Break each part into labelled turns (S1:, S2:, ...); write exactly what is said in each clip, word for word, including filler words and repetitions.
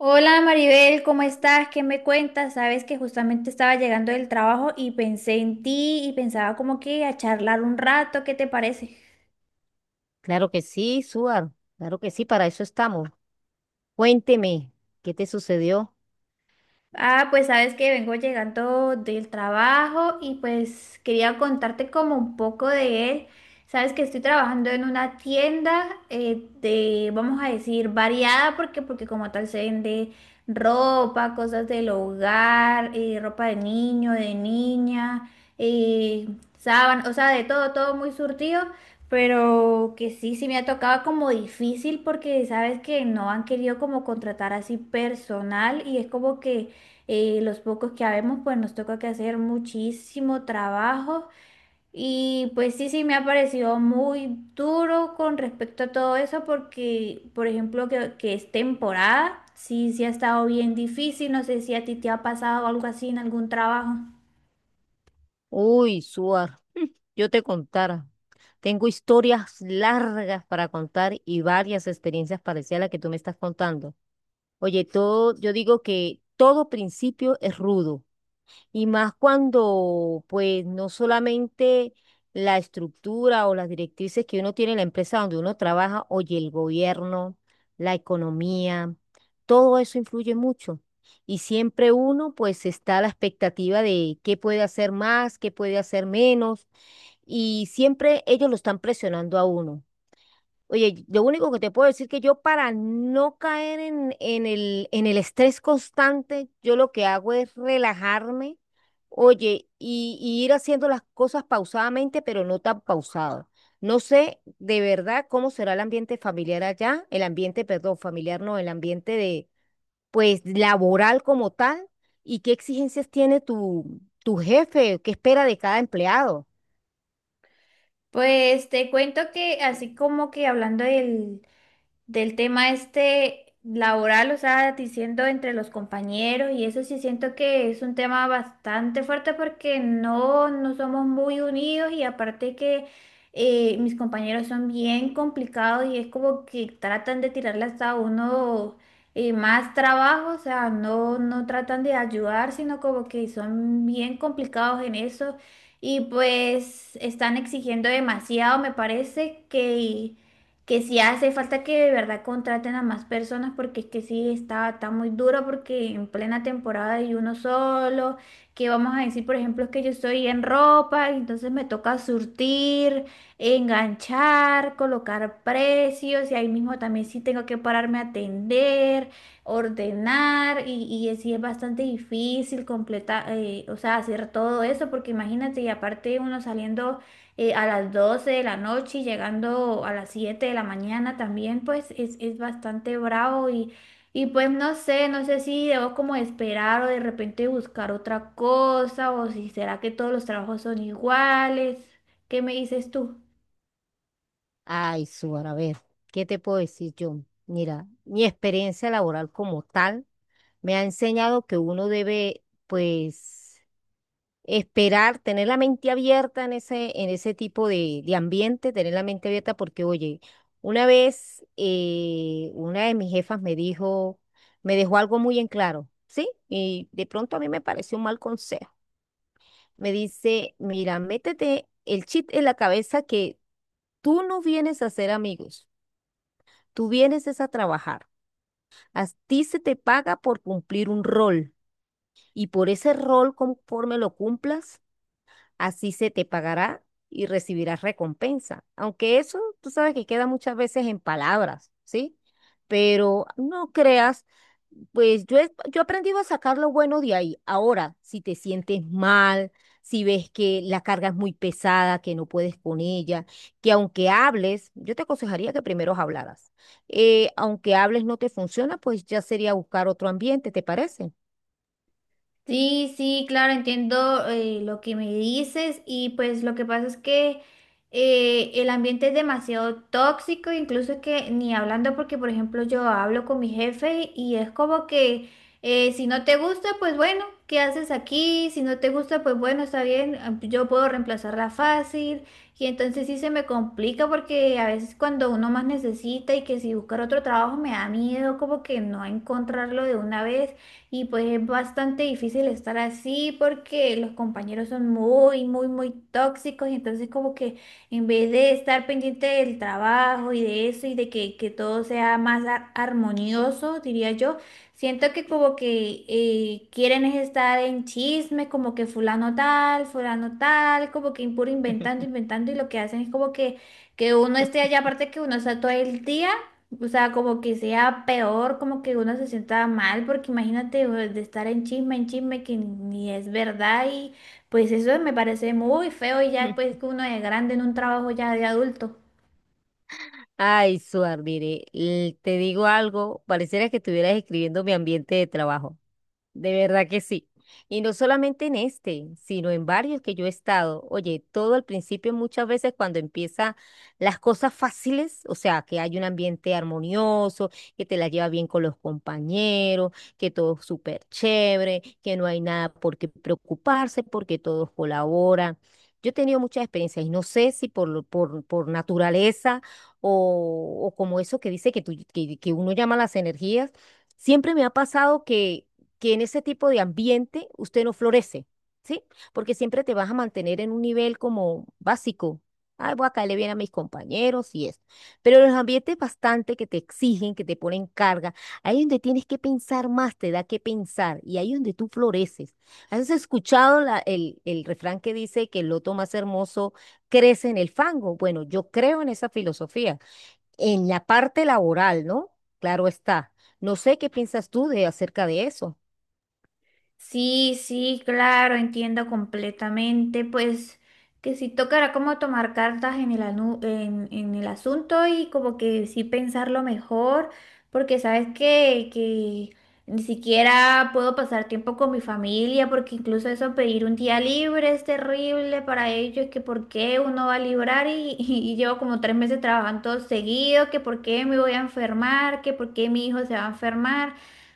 S1: Hola Maribel, ¿cómo estás? ¿Qué me cuentas? Sabes que justamente estaba llegando del trabajo y pensé en ti y pensaba como que a charlar un rato, ¿qué te parece?
S2: Claro que sí, Suar. Claro que sí, para eso estamos. Cuénteme, ¿qué te sucedió?
S1: Ah, pues sabes que vengo llegando del trabajo y pues quería contarte como un poco de él. Sabes que estoy trabajando en una tienda eh, de, vamos a decir, variada, porque, porque como tal se vende ropa, cosas del hogar, eh, ropa de niño, de niña, eh, sábanas, o sea, de todo, todo muy surtido. Pero que sí, sí me ha tocado como difícil porque sabes que no han querido como contratar así personal y es como que eh, los pocos que habemos, pues nos toca que hacer muchísimo trabajo. Y pues sí, sí, me ha parecido muy duro con respecto a todo eso, porque, por ejemplo, que, que es temporada, sí, sí ha estado bien difícil. No sé si a ti te ha pasado algo así en algún trabajo.
S2: Uy, Suar, yo te contara. Tengo historias largas para contar y varias experiencias parecidas a las que tú me estás contando. Oye, todo, yo digo que todo principio es rudo. Y más cuando, pues, no solamente la estructura o las directrices que uno tiene en la empresa donde uno trabaja, oye, el gobierno, la economía, todo eso influye mucho. Y siempre uno, pues, está a la expectativa de qué puede hacer más, qué puede hacer menos, y siempre ellos lo están presionando a uno. Oye, lo único que te puedo decir que yo para no caer en, en el, en el estrés constante, yo lo que hago es relajarme, oye, y, y ir haciendo las cosas pausadamente, pero no tan pausado. No sé de verdad cómo será el ambiente familiar allá, el ambiente, perdón, familiar no, el ambiente de, pues, laboral como tal, y qué exigencias tiene tu, tu jefe, qué espera de cada empleado.
S1: Pues te cuento que así como que hablando del, del tema este laboral, o sea, diciendo entre los compañeros y eso sí siento que es un tema bastante fuerte porque no, no somos muy unidos y aparte que eh, mis compañeros son bien complicados y es como que tratan de tirarle hasta a uno eh, más trabajo, o sea, no, no tratan de ayudar, sino como que son bien complicados en eso. Y pues están exigiendo demasiado, me parece que que si hace falta que de verdad contraten a más personas porque es que sí está, está muy duro porque en plena temporada hay uno solo, que vamos a decir, por ejemplo, es que yo estoy en ropa, y entonces me toca surtir, enganchar, colocar precios y ahí mismo también sí tengo que pararme a atender, ordenar y, y es- sí es bastante difícil completar, eh, o sea, hacer todo eso porque imagínate y aparte uno saliendo eh, a las doce de la noche y llegando a las siete de la mañana también, pues es, es bastante bravo y, y pues no sé, no sé si debo como esperar o de repente buscar otra cosa o si será que todos los trabajos son iguales. ¿Qué me dices tú?
S2: Ay, Suar, a ver, ¿qué te puedo decir yo? Mira, mi experiencia laboral como tal me ha enseñado que uno debe, pues, esperar, tener la mente abierta en ese, en ese tipo de, de ambiente, tener la mente abierta porque, oye, una vez eh, una de mis jefas me dijo, me dejó algo muy en claro, ¿sí? Y de pronto a mí me pareció un mal consejo. Me dice, mira, métete el chip en la cabeza que tú no vienes a ser amigos. Tú vienes es a trabajar. A ti se te paga por cumplir un rol y por ese rol, conforme lo cumplas, así se te pagará y recibirás recompensa. Aunque eso, tú sabes que queda muchas veces en palabras, ¿sí? Pero no creas, pues yo he, yo he aprendido a sacar lo bueno de ahí. Ahora, si te sientes mal, si ves que la carga es muy pesada, que no puedes con ella, que aunque hables, yo te aconsejaría que primero hablaras. Eh, aunque hables no te funciona, pues ya sería buscar otro ambiente, ¿te parece?
S1: Sí, sí, claro, entiendo eh, lo que me dices y pues lo que pasa es que eh, el ambiente es demasiado tóxico, incluso que ni hablando porque por ejemplo yo hablo con mi jefe y es como que eh, si no te gusta, pues bueno, ¿qué haces aquí? Si no te gusta, pues bueno, está bien, ah, yo puedo reemplazarla fácil y entonces sí se me complica porque a veces cuando uno más necesita y que si buscar otro trabajo me da miedo como que no encontrarlo de una vez. Y pues es bastante difícil estar así porque los compañeros son muy, muy, muy tóxicos y entonces como que en vez de estar pendiente del trabajo y de eso y de que, que todo sea más ar- armonioso, diría yo, siento que como que eh, quieren es estar en chisme, como que fulano tal, fulano tal, como que impuro inventando, inventando y lo que hacen es como que, que uno esté allá, aparte que uno está todo el día. O sea, como que sea peor, como que uno se sienta mal, porque imagínate o de estar en chisme, en chisme que ni es verdad y pues eso me parece muy feo y ya después que uno es grande en un trabajo ya de adulto.
S2: Ay, Suar, mire, l- te digo algo, pareciera que estuvieras escribiendo mi ambiente de trabajo. De verdad que sí. Y no solamente en este, sino en varios que yo he estado. Oye, todo al principio muchas veces cuando empieza las cosas fáciles, o sea, que hay un ambiente armonioso, que te la lleva bien con los compañeros, que todo es súper chévere, que no hay nada por qué preocuparse porque todos colaboran. Yo he tenido muchas experiencias y no sé si por, lo- por, por naturaleza o, o como eso que dice que, tú- que que uno llama las energías. Siempre me ha pasado que que en ese tipo de ambiente usted no florece, ¿sí? Porque siempre te vas a mantener en un nivel como básico. Ay, voy a caerle bien a mis compañeros y eso. Pero los ambientes bastante que te exigen, que te ponen carga, ahí es donde tienes que pensar más, te da que pensar, y ahí es donde tú floreces. ¿Has escuchado la- el, el refrán que dice que el loto más hermoso crece en el fango? Bueno, yo creo en esa filosofía, en la parte laboral, ¿no? Claro está. No sé qué piensas tú de acerca de eso.
S1: Sí, sí, claro, entiendo completamente. Pues que sí tocará como tomar cartas en el, anu- en, en el asunto y como que sí pensarlo mejor, porque sabes que, que ni siquiera puedo pasar tiempo con mi familia, porque incluso eso pedir un día libre es terrible para ellos, que por qué uno va a librar y, y y llevo como tres meses trabajando todo seguido, que por qué me voy a enfermar, que por qué mi hijo se va a enfermar.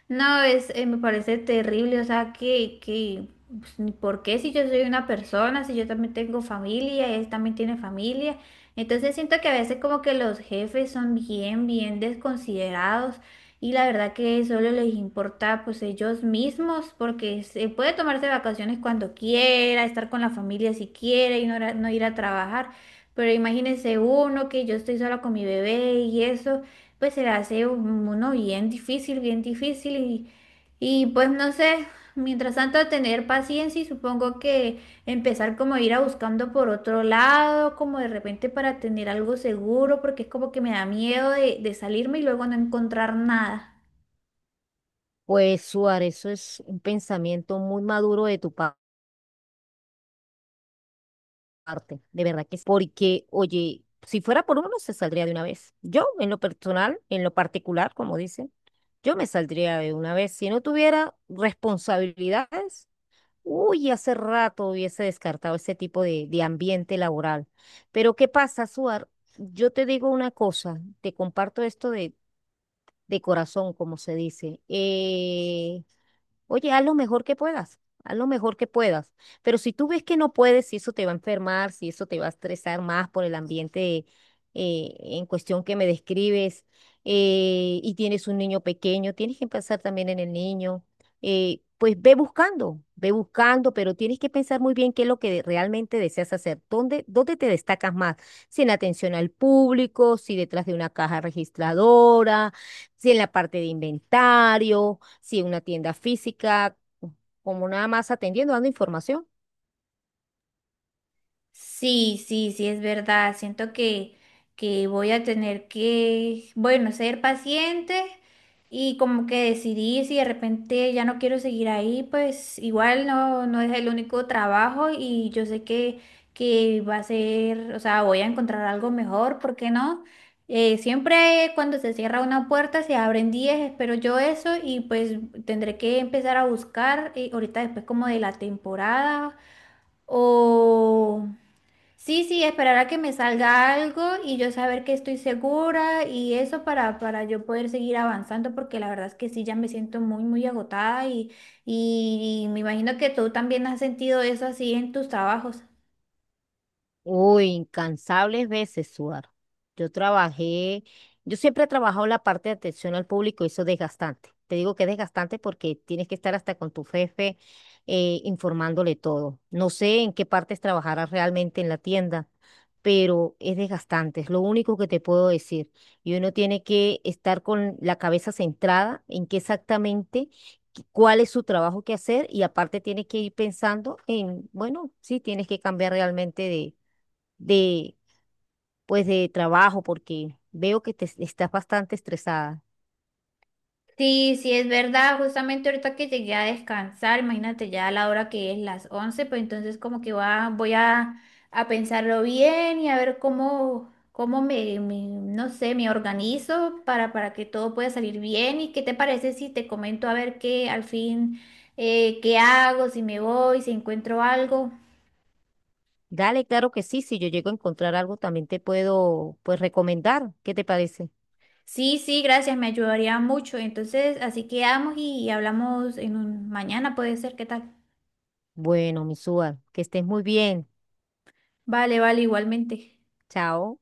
S1: No, es, eh, me parece terrible, o sea, que, que, pues, ni ¿por qué si yo soy una persona, si yo también tengo familia, él también tiene familia? Entonces siento que a veces como que los jefes son bien, bien desconsiderados y la verdad que solo les importa pues ellos mismos porque se puede tomarse vacaciones cuando quiera, estar con la familia si quiere y no, ir a- no ir a trabajar, pero imagínense uno que yo estoy sola con mi bebé y eso pues se le hace un- uno bien difícil, bien difícil y, y pues no sé, mientras tanto tener paciencia y supongo que empezar como a ir a buscando por otro lado, como de repente para tener algo seguro, porque es como que me da miedo de, de salirme y luego no encontrar nada.
S2: Pues Suárez, eso es un pensamiento muy maduro de tu pa- parte, de verdad que sí. Porque, oye, si fuera por uno, se saldría de una vez. Yo, en lo personal, en lo particular, como dicen, yo me saldría de una vez. Si no tuviera responsabilidades, uy, hace rato hubiese descartado ese tipo de, de ambiente laboral. Pero ¿qué pasa, Suar? Yo te digo una cosa, te comparto esto de, de corazón, como se dice. Eh, Oye, haz lo mejor que puedas, haz lo mejor que puedas. Pero si tú ves que no puedes, si eso te va a enfermar, si eso te va a estresar más por el ambiente eh, en cuestión que me describes, eh, y tienes un niño pequeño, tienes que pensar también en el niño, eh, pues ve buscando, ve buscando, pero tienes que pensar muy bien qué es lo que de- realmente deseas hacer, dónde, dónde te destacas más, si en atención al público, si detrás de una caja registradora, si en la parte de inventario, si una tienda física, como nada más atendiendo, dando información.
S1: Sí, sí, sí, es verdad. Siento que, que voy a tener que, bueno, ser paciente y como que decidir si de repente ya no quiero seguir ahí, pues igual no, no es el único trabajo y yo sé que, que va a ser, o sea, voy a encontrar algo mejor, ¿por qué no? Eh, siempre cuando se cierra una puerta se abren diez. Espero yo eso y pues tendré que empezar a buscar eh, ahorita después como de la temporada o... Sí, sí, esperar a que me salga algo y yo saber que estoy segura y eso para, para yo poder seguir avanzando, porque la verdad es que sí, ya me siento muy, muy agotada y, y, y me imagino que tú también has sentido eso así en tus trabajos.
S2: Uy, incansables veces, sudar. Yo trabajé, yo siempre he trabajado la parte de atención al público, y eso es desgastante. Te digo que es desgastante porque tienes que estar hasta con tu jefe eh, informándole todo. No sé en qué partes trabajarás realmente en la tienda, pero es desgastante, es lo único que te puedo decir. Y uno tiene que estar con la cabeza centrada en qué exactamente, qué- cuál es su trabajo que hacer y aparte tiene que ir pensando en, bueno, sí, tienes que cambiar realmente de, pues, de trabajo, porque veo que te es- estás bastante estresada.
S1: Sí, sí, es verdad. Justamente ahorita que llegué a descansar, imagínate ya a la hora que es las once. Pues entonces como que va, voy a, a pensarlo bien y a ver cómo, cómo me, me- no sé, me organizo para, para que todo pueda salir bien. ¿Y qué te parece si te comento a ver qué al fin, eh, qué hago, si me voy, si encuentro algo?
S2: Dale, claro que sí, si yo llego a encontrar algo, también te puedo, pues, recomendar. ¿Qué te parece?
S1: Sí, sí, gracias, me ayudaría mucho. Entonces, así quedamos y hablamos en un, mañana, puede ser, ¿qué tal?
S2: Bueno, Misúa, que estés muy bien.
S1: Vale, vale, igualmente.
S2: Chao.